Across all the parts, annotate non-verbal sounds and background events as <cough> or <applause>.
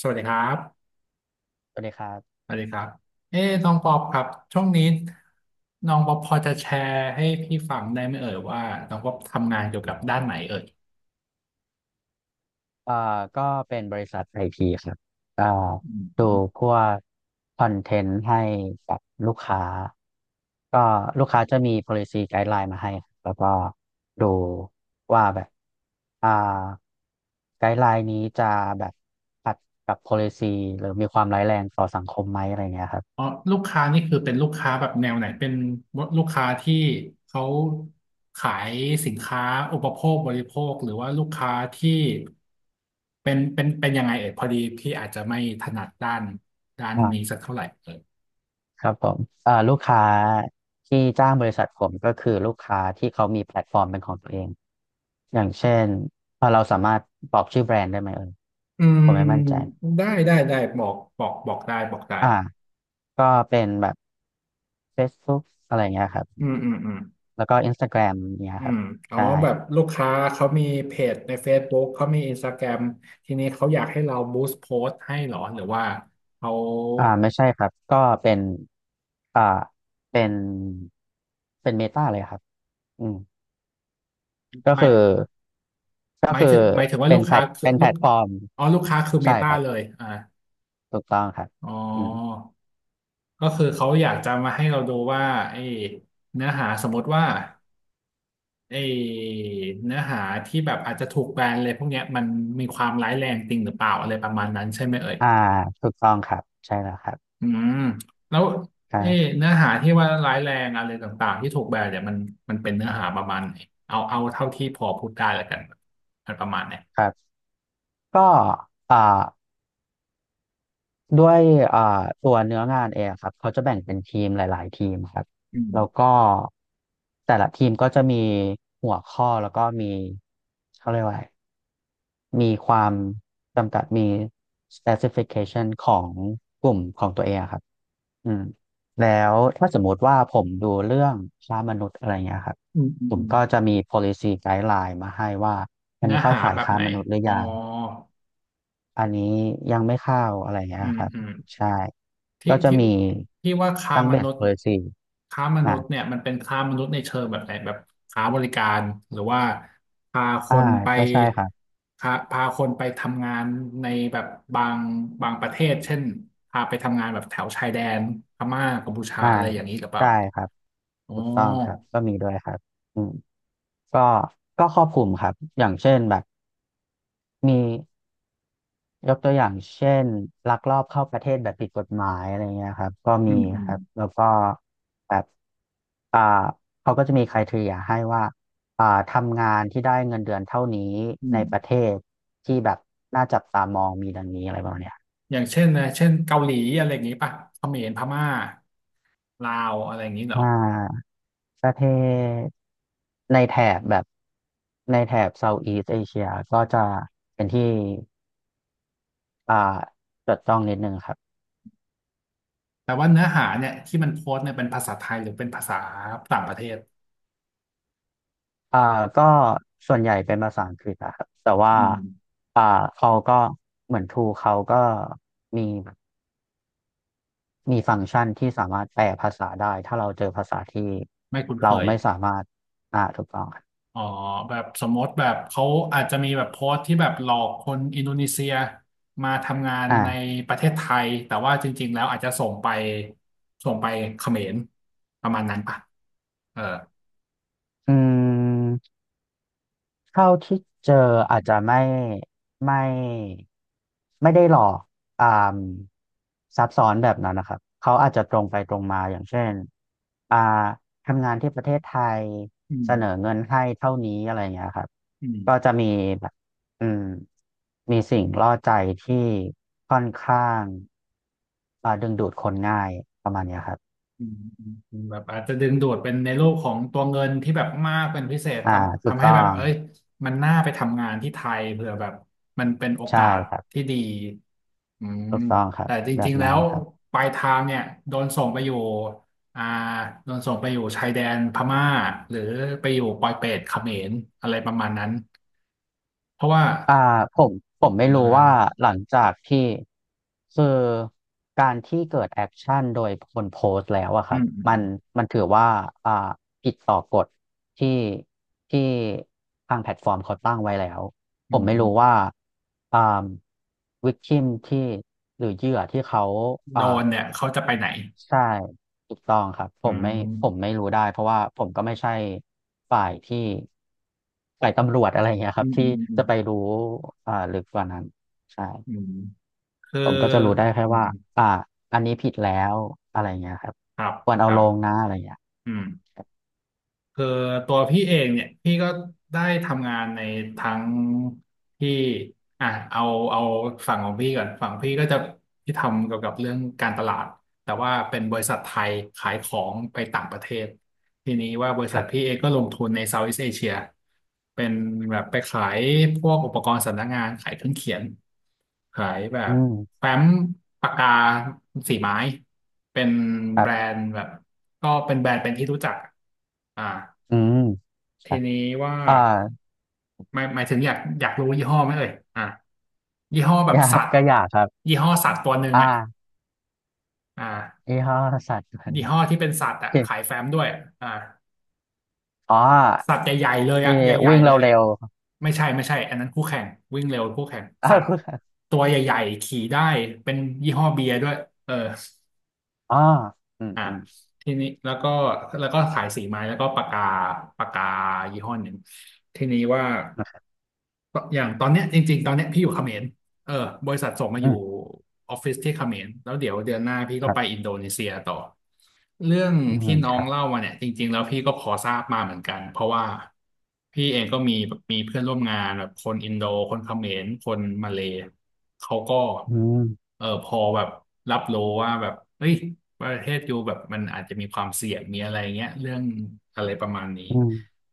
สวัสดีครับสวัสดีครับสวัสดีครับเอ้น้องปอบครับช่วงนี้น้องปอบพอจะแชร์ให้พี่ฟังได้ไหมเอ่ยว่าน้องปอบทำงานเกี่ยวกับด้านไหนเอ่ยเอ่อก็เป็นบริษัทไอพีครับเอ่ออดูืมพวกคอนเทนต์ให้กับลูกค้าก็ลูกค้าจะมี policy guideline มาให้ครับแล้วก็ดูว่าแบบอ่า guideline นี้จะแบบขัดกับ policy หรือมีความร้ายแรงต่อสังคมไหมอะไรเงี้ยครับ อ๋อลูกค้านี่คือเป็นลูกค้าแบบแนวไหนเป็นลูกค้าที่เขาขายสินค้าอุปโภคบริโภคหรือว่าลูกค้าที่เป็นยังไงเอ่ยพอดีพี่อาจจะไม่ถนัดด้านนี้สักเท่าไหร่เอ่ยครับผมลูกค้าที่จ้างบริษัทผมก็คือลูกค้าที่เขามีแพลตฟอร์มเป็นของตัวเอง อย่างเช่นเราสามารถบอกชื่อแบรนด์ได้ไหมเอ่ยอืผมมไม่มั่นใจได้ได้ได้บอกบอกบอกได้บอกได้ อ่าก็เป็นแบบ Facebook อะไรเงี้ยครับ อืมอืมอืมแล้วก็ Instagram เนี่ยอืครับ มอ๋อใช่แบบลูกค้าเขามีเพจใน Facebook เขามี Instagram ทีนี้เขาอยากให้เราบูสต์โพสต์ให้เหรอหรือว่าเขาไม่ใช่ครับ ก็เป็นอ่าเป็นเป็นเมตาเลยครับอืมก็ไม่คือก็หมายคือถึงหมายถึงว่าเป็ลูนกแพลค้าตคือเป็นลูแพลกตฟอร์ม อ๋อลูกค้าคือเมใช่ตาครับ เลยอ่าถูกต้องครับอ๋ออืม ก็คือเขาอยากจะมาให้เราดูว่าไอ้เนื้อหาสมมติว่าไอ้เนื้อหาที่แบบอาจจะถูกแบนเลยพวกเนี้ยมันมีความร้ายแรงจริงหรือเปล่าอะไรประมาณนั้นใช่ไหมเอ่ย อ่าถูกต้องครับใช่แล้วครับอืมแล้วครัเอ๊ะบเนื้อหาที่ว่าร้ายแรงอะไรต่างๆที่ถูกแบนเนี่ยมันเป็นเนื้อหาประมาณไหนเอาเอาเท่าที่พอพูดได้แล้วกันมันประมาณไหนครับก็อ่าด้วยอ่าตัวเนื้องานเองครับเขาจะแบ่งเป็นทีมหลายๆทีมครับอืมแล้วก็แต่ละทีมก็จะมีหัวข้อแล้วก็มีเขาเรียกว่าอะไรมีความจำกัดมี specification ของกลุ่มของตัวเองอะครับ อืมแล้วถ้าสมมติว่าผมดูเรื่องค้ามนุษย์อะไรเงี้ยครับอืมอืมผมอืมก็จะมี policy guideline มาให้ว่าอันเนื้นี้อเข้าหาข่ายแบบค้าไหนมนุษย์หรือ๋ออยังอันนี้ยังไม่เข้าอะไรเงี้อืยมครับอืม ใช่ที่ก็จะที่มีที่ว่าค้าทั้ง มนุ base ษย์ policy ค้ามนุอ่าษย์เนี่ยมันเป็นค้ามนุษย์ในเชิงแบบไหนแบบค้าบริการหรือว่าพาคอ่านไปก็ใช่ครับพาคนไปทำงานในแบบบางบางประเทศเช่นพาไปทำงานแบบแถวชายแดนพม่ากัมพูชาอ่าอะไรอย่างนี้หรือเปล่าได้ครับอ๋อถูกต้องครับก็มีด้วยครับอืมก็ก็ครอบคลุมครับอย่างเช่นแบบมี ยกตัวอย่างเช่นลักลอบเข้าประเทศแบบผิดกฎหมายอะไรเงี้ยครับก็อืมีมอืคมรับแล้วก็แบบอ่าเขาก็จะมี criteria ให้ว่าทำงานที่ได้เงินเดือนเท่านี้ในอืมประเทศที่แบบน่าจับตามองมีดังนี้อะไรประมาณเนี้ยอย่างเช่นนะเช่นเกาหลีอะไรอย่างนี้ป่ะเขมรพม่าลาวอะไรอย่างนี้เหรอ อ่าประเทศในแถบแบบในแถบเซาท์อีสเอเชียก็จะเป็นที่อ่าจดจ้องนิดนึงครับ แต่ว่าเนื้อหาเนี่ยที่มันโพสต์เนี่ยเป็นภาษาไทยหรือเป็นภาษาต่างประเทศอ่าก็ส่วนใหญ่เป็นภาษาอังกฤษอะครับแต่ว่าอืมอ่าเขาก็เหมือนทูเขาก็มีมีฟังก์ชันที่สามารถแปลภาษาได้ถ้าเราเจอภาษาที่ไม่คุ้นเคเรายไม่สามารถถูกต้องครับอ๋อแบบสมมติแบบเขาอาจจะมีแบบโพสต์ที่แบบหลอกคนอินโดนีเซียมาทำงานในอ่าประเทศไทยแต่ว่าจริงๆแล้วอาจจะส่งไปส่งไปเขมรประมาณนั้นป่ะเอออืม เท่าที่เจออาจจะไม่ไม่ได้หลอกอ่ามซับซ้อนแบบนั้นนะครับเขาอาจจะตรงไปตรงมาอย่างเช่นอ่าทำงานที่ประเทศไทยอืเสมนอเงินให้เท่านี้อะไรอย่างเงี้ยครับอืม ก็จะมีแบบอืมมีสิ่งล่อใจที่ค่อนข้างดึงดูดคนง่ายประมาณเนี้ยครับอืมอืมอืมแบบอาจจะดึงดูดเป็นในโลกของตัวเงินที่แบบมากเป็นพิเศษอ่าถูกทำให้ต้อแบบงเอ้ยมันน่าไปทำงานที่ไทยเผื่อแบบมันเป็นโอกาใช่สครับที่ดีอืมถูกต้องครับแต่จแบริบงๆแล้นั้นวครับ ปลายทางเนี่ยโดนส่งไปอยู่อ่าโดนส่งไปอยู่ชายแดนพม่าหรือไปอยู่ปอยเปตเขมรอะไรประมาณนั้นเพราะว่าอ่าผมผมไม่เดี๋ยรู้วว่านะหลังจากที่คือการที่เกิดแอคชั่นโดยคนโพสต์แล้วอะคอืรับมอืมมันมันถือว่าอ่าผิดต่อกฎที่ที่ทางแพลตฟอร์มเขาตั้งไว้แล้วผอืมมไม่อืมรู้ว่าอ่าวิกทิมที่หรือเหยื่อที่เขาโดอ่า นเนี่ยเขาจะไปไหนใช่ถูกต้องครับผอืมไม่ผมมไม่รู้ได้เพราะว่าผมก็ไม่ใช่ฝ่ายที่ฝ่ายตำรวจอะไรเงี้ยคอืรับมที่อืมอืมจะไปรู้ลึกกว่านั้นใช่อืม คือผมก็จะรู้ได้แค่อืมว่าอืมอ่าอันนี้ผิดแล้วอะไรเงี้ยครับครับ ควรคเอารับลงนะอะไรเงี้ยอืม คคือตัวพี่เองเนี่ยพี่ก็ได้ทำงานในทั้งที่อ่ะเอาเอาฝั่งของพี่ก่อนฝั่งพี่ก็จะพี่ทำเกี่ยวกับเรื่องการตลาดแต่ว่าเป็นบริษัทไทยขายของไปต่างประเทศทีนี้ว่าบริษัทรับพี่เองก็ลงทุนในเซาท์อีสต์เอเชียเป็นแบบไปขายพวกอุปกรณ์สำนักงานขายเครื่องเขียนขายแบอืบมแฟ้มปากกาสีไม้เป็นครัแบรบนด์แบบก็เป็นแบรนด์เป็นที่รู้จักอ่า อืมคทีรับนี้ว่าอ่า <laughs> หมายหมายถึงอยากรู้ยี่ห้อไหมเอ่ยอ่ะยี่ห้อแบอบยาสักตว์ก็อยากครับยี่ห้อสัตว์ตัวหนึ่งอ่ะอ่าอ่ายี่ห้อสัตว์ตัวหยี่นี้ห้อที่เป็นสัตว์อ่ะขายแฟ้มด้วยอ่าอ๋อสัตว์ใหญ่ๆเลยที่อ่ะใหญ่วิ่งๆเลยเร็วไม่ใช่อันนั้นคู่แข่งวิ่งเร็วคู่แข่งๆ <laughs> สั <laughs> วตว์คุณตัวใหญ่ๆขี่ได้เป็นยี่ห้อเบียร์ด้วยเออ อ๋ออืมอ่ะอืมทีนี้แล้วก็แล้วก็ขายสีไม้แล้วก็ปากกาปากกายี่ห้อหนึ่งทีนี้ว่าอย่างตอนเนี้ยจริงๆตอนเนี้ยพี่อยู่เขมร เออบริษัทส่งมาออืม ยู่ออฟฟิศที่เขมรแล้วเดี๋ยวเดือนหน้าพี่ก็ไปอินโดนีเซียต่อเรื่องอืที่มน้อคงรับเล่ามาเนี่ยจริงๆแล้วพี่ก็พอทราบมาเหมือนกันเพราะว่าพี่เองก็มีแบบมีเพื่อนร่วมงานแบบคนอินโดคนเขมรคนมาเลย์เขาก็อืมเออพอแบบรับรู้ว่าแบบเฮ้ยประเทศอยู่แบบมันอาจจะมีความเสี่ยงมีอะไรเงี้ยเรื่องอะไรประมาณนี้อืม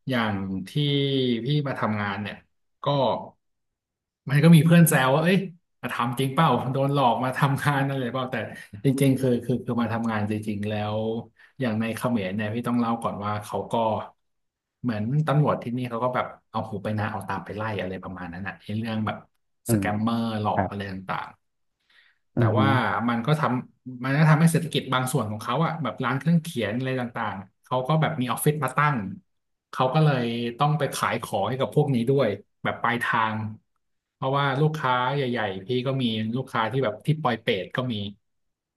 อย่างที่พี่มาทำงานเนี่ยก็ มันก็มีเพื่อนแซวว่าเอ้ยมาทำจริงเปล่าโดนหลอกมาทำงานอะไรเปล่าแต่จริงๆคือมาทำงานจริงๆ แล้ว อย่างในเขมรเนี่ยพี่ต้องเล่าก่อนว่าเขาก็เหมือนตำรวจที่นี่เขาก็แบบเอาหูไปนาเอาตามไปไล่อะไรประมาณนั้นอ่ะในเรื่องแบบอืสแกมมเมอร์หลอคกรัอะไรบต่าง อืแต่ว่ามมันก็ทมันก็ทำให้เศรษฐกิจบางส่วนของเขาอะแบบร้านเครื่องเขียนอะไรต่างๆเขาก็แบบมีออฟฟิศมาตั้งเขาก็เลยต้องไปขายของให้กับพวกนี้ด้วยแบบปลายทางเพราะว่าลูกค้าใหญ่ๆพี่ก็มีลูกค้าที่แบบที่ปอยเปตก็มี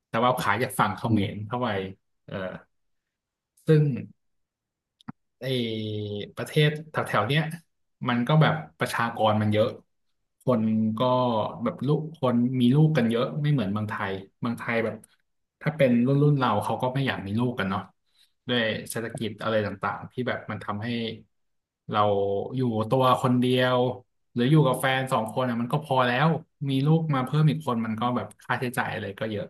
แต่ว่าขายจากฝั่งเขอืมรมเข้าไปเออซึ่ง ไอ้ประเทศแถวๆเนี้ยมันก็แบบประชากรมันเยอะคนก็แบบลูกคนมีลูกกันเยอะไม่เหมือนเมืองไทยเมืองไทยแบบถ้าเป็นรุ่นเราเขาก็ไม่อยากมีลูกกันเนาะด้วยเศรษฐกิจอะไรต่างๆที่แบบมันทำให้เราอยู่ตัวคนเดียวหรืออยู่กับแฟนสองคนอ่ะมันก็พอแล้วมีลูกมาเพิ่มอีกคนมันก็แบบค่าใช้จ่ายอะไรก็เยอะ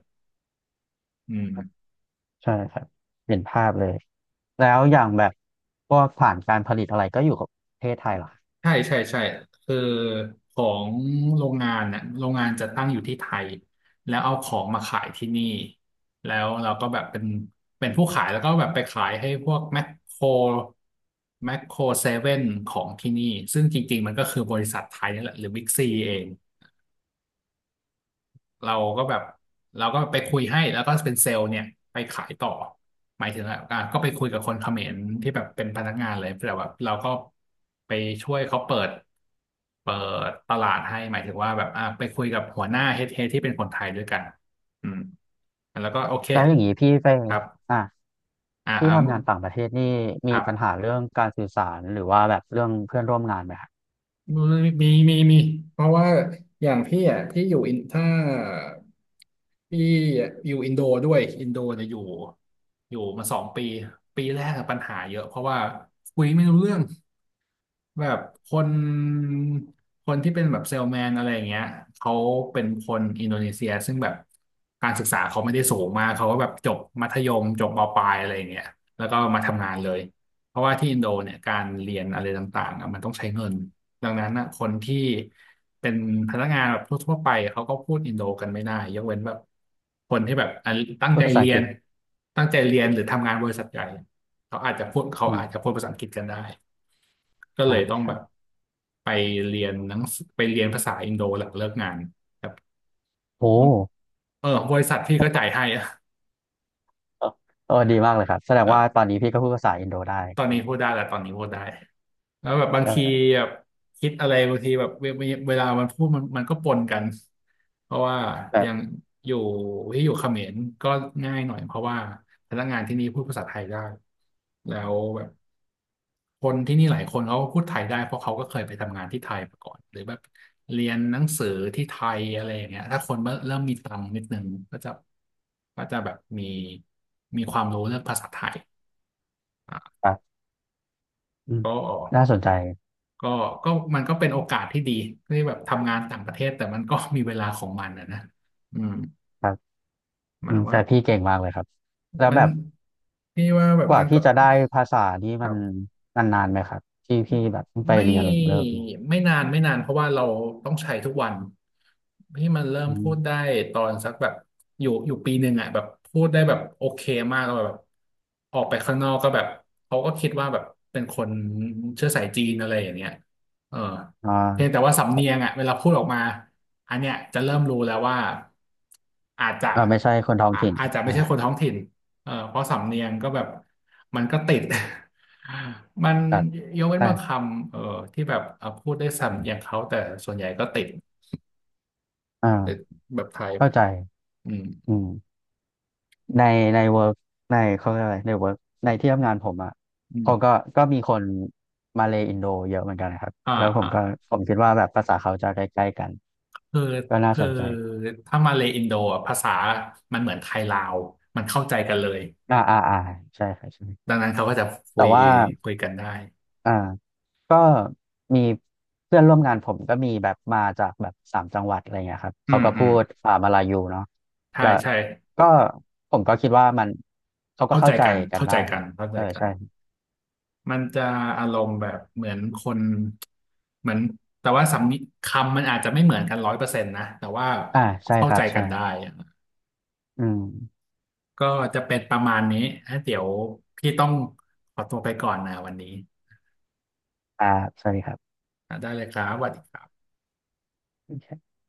อืม ใช่ครับเห็นภาพเลย แล้วอย่างแบบพวกฐานการผลิตอะไรก็อยู่กับประเทศไทยเหรอครับใช่ใช่ใช่คือของโรงงานน่ะโรงงานจะตั้งอยู่ที่ไทยแล้วเอาของมาขายที่นี่แล้วเราก็แบบเป็นผู้ขายแล้วก็แบบไปขายให้พวกแมคโครแมคโครเซเว่นของที่นี่ซึ่งจริงๆมันก็คือบริษัทไทยนี่แหละหรือบิ๊กซีเอง เราก็แบบเราก็ไปคุยให้แล้วก็เป็นเซลล์เนี่ยไปขายต่อหมายถึงว่าอ่ะก็ไปคุยกับคนเขมรที่แบบเป็นพนักงานเลยแต่แบบเราก็ไปช่วยเขาเปิดตลาดให้หมายถึงว่าแบบอ่ะไปคุยกับหัวหน้าเฮดที่เป็นคนไทยด้วยกันอืมแล้วก็โอเคแล้วอย่างนี้พี่ไปครับอ่ะอ่าพี่ทำงานต่างประเทศนี่คมีรัปัญหาบ เรื่องการสื่อสารหรือว่าแบบเรื่องเพื่อนร่วมงานไหมครับมีมีเพราะว่าอย่างพี่อ่ะพี่อยู่อินถ้าพี่อยู่อินโดด้วยอินโดเนี่ยอยู่มา2 ปีปีแรกอะปัญหาเยอะเพราะว่าคุยไม่รู้เรื่อง แบบคนคนที่เป็นแบบเซลแมนอะไรอย่างเงี้ยเขาเป็นคนอินโดนีเซียซึ่งแบบการศึกษาเขาไม่ได้สูงมากเขาก็แบบจบมัธยมจบมปลายอะไรอย่างเงี้ยแล้วก็มาทำงานเลยเพราะว่าที่อินโดเนี่ยการเรียนอะไรต่างๆอะมันต้องใช้เงินดังนั้นนะคนที่เป็นพนักงานแบบทั่วๆไปเขาก็พูดอินโดกันไม่ได้ยกเว้นแบบคนที่แบบอ่ะตั้งพูดใจภาษาเรีอังยกฤนษตั้งใจเรียนหรือทำงานบริษัทใหญ่เขาอาจจะพูดเขาอืมอาจจะพูดภาษาอังกฤษกันได้ ก็เลอ่ายต้องคแบรับบไปเรียนหนังสือไปเรียนภาษาอินโดหลังเลิกงานครับโอ้เออบริษัทพี่ก็จ่ายให้อะเออดีมากเลยครับ แสดงว่าตอเออนนี้พี่ก็พูดภาษาอินโดได้ตอนนี้พูดได้แหละตอนนี้พูดได้แล้วแบบบางเอทีอแบบคิดอะไรบางทีแบบเวลามันพูดมันก็ปนกันเพราะว่าอแบบย่างอยู่ที่เขมรก็ง่ายหน่อยเพราะว่าพนักงานที่นี่พูดภาษาไทยได้แล้วแบบ คนที่นี่หลายคนเขาก็พูดไทยได้เพราะเขาก็เคยไปทำงานที่ไทยมาก่อนหรือแบบเรียนหนังสือที่ไทยอะไรอย่างเงี้ยถ้าคนเริ่มมีตังค์นิดนึงก็จะก็จะแบบมีความรู้เรื่องภาษาไทยอ่ะอ่ะอืมก็น่าสนใจก็ก็มันก็เป็นโอกาสที่ดีที่แบบทำงานต่างประเทศแต่มันก็มีเวลาของมันอะนะอืมครับ อืมันมว่าแต่พี่เก่งมากเลยครับแล้วมัแบนบนี่ว่าแบบกว่ามันก็พี่จะได้ภาษานี่คมัรันบ มันนานไหมครับที่พี่แบบเพิ่งไปไม่เรียนหลังเลิกมาไม่นานเพราะว่าเราต้องใช้ทุกวันที่มันเริ่มอืพูดได้มตอนสักแบบอยู่ปีหนึ่งอ่ะแบบพูดได้แบบโอเคมากแล้วแบบออกไปข้างนอกก็แบบเขาก็คิดว่าแบบเป็นคนเชื้อสายจีนอะไรอย่างเงี้ยเอออ่เพียงแต่าว่าสำเนียงอ่ะเวลาพูดออกมาอันเนี้ยจะเริ่มรู้แล้วว่าอาจจะอ่าไม่ใช่คนท้องอาถิ่นอาจจะไม่อ่าใช่คนท้องถิ่นเออเพราะสำเนียงก็แบบมันก็ติด มันครับยกเว้นบางคใช่ำเออที่แบบเพูดได้สำเนียงเขาแต่ส่วนใหญ่ก็ติดอ่าแบบไทยเข้าใจอืมอืมในในเวิร์กในเขาเรียกอะไรในเวิร์กในที่ทำงานผมอ่ะอืเขาก็มมีคนมาเลอินโดเยอะเหมือนกันนะครับอ่าแล้วผมอ่าก็ผมคิดว่าแบบภาษาเขาจะใกล้ๆกันคือก็น่าคืสอนใจถ้ามาเลอินโดอะภาษามันเหมือนไทยลาวมันเข้าใจกันเลยอ่าอ่าอ่าใช่ครับใช่ดังนั้นเขาก็จะคุแต่ยว่าคุยกันได้อ่า ก็มีเพื่อนร่วมงานผมก็มีแบบมาจากแบบสามจังหวัดอะไรเงี้ยครับอืเขามก็อืพูมดมาลายูเนาะใช่แล้วใช่ก็ผมก็คิดว่ามันเขาก็เข้าเข้าใจใจกันกันเข้าได้ใจคกัรันบเข้าใจเออกันใช่มันจะอารมณ์แบบเหมือนคนเหมือนแต่ว่าสำนีคำมันอาจจะไม่เหมือนกัน100%นะแต่ว่าอ่าใช่เข้าครัใจบกัใช่นได้ อืมก็จะเป็นประมาณนี้ฮะเดี๋ยวพี่ต้องขอตัวไปก่อนนะวันนี้อ่าสวัสดีครัอ่ะได้เลยครับสวัสดีครับบ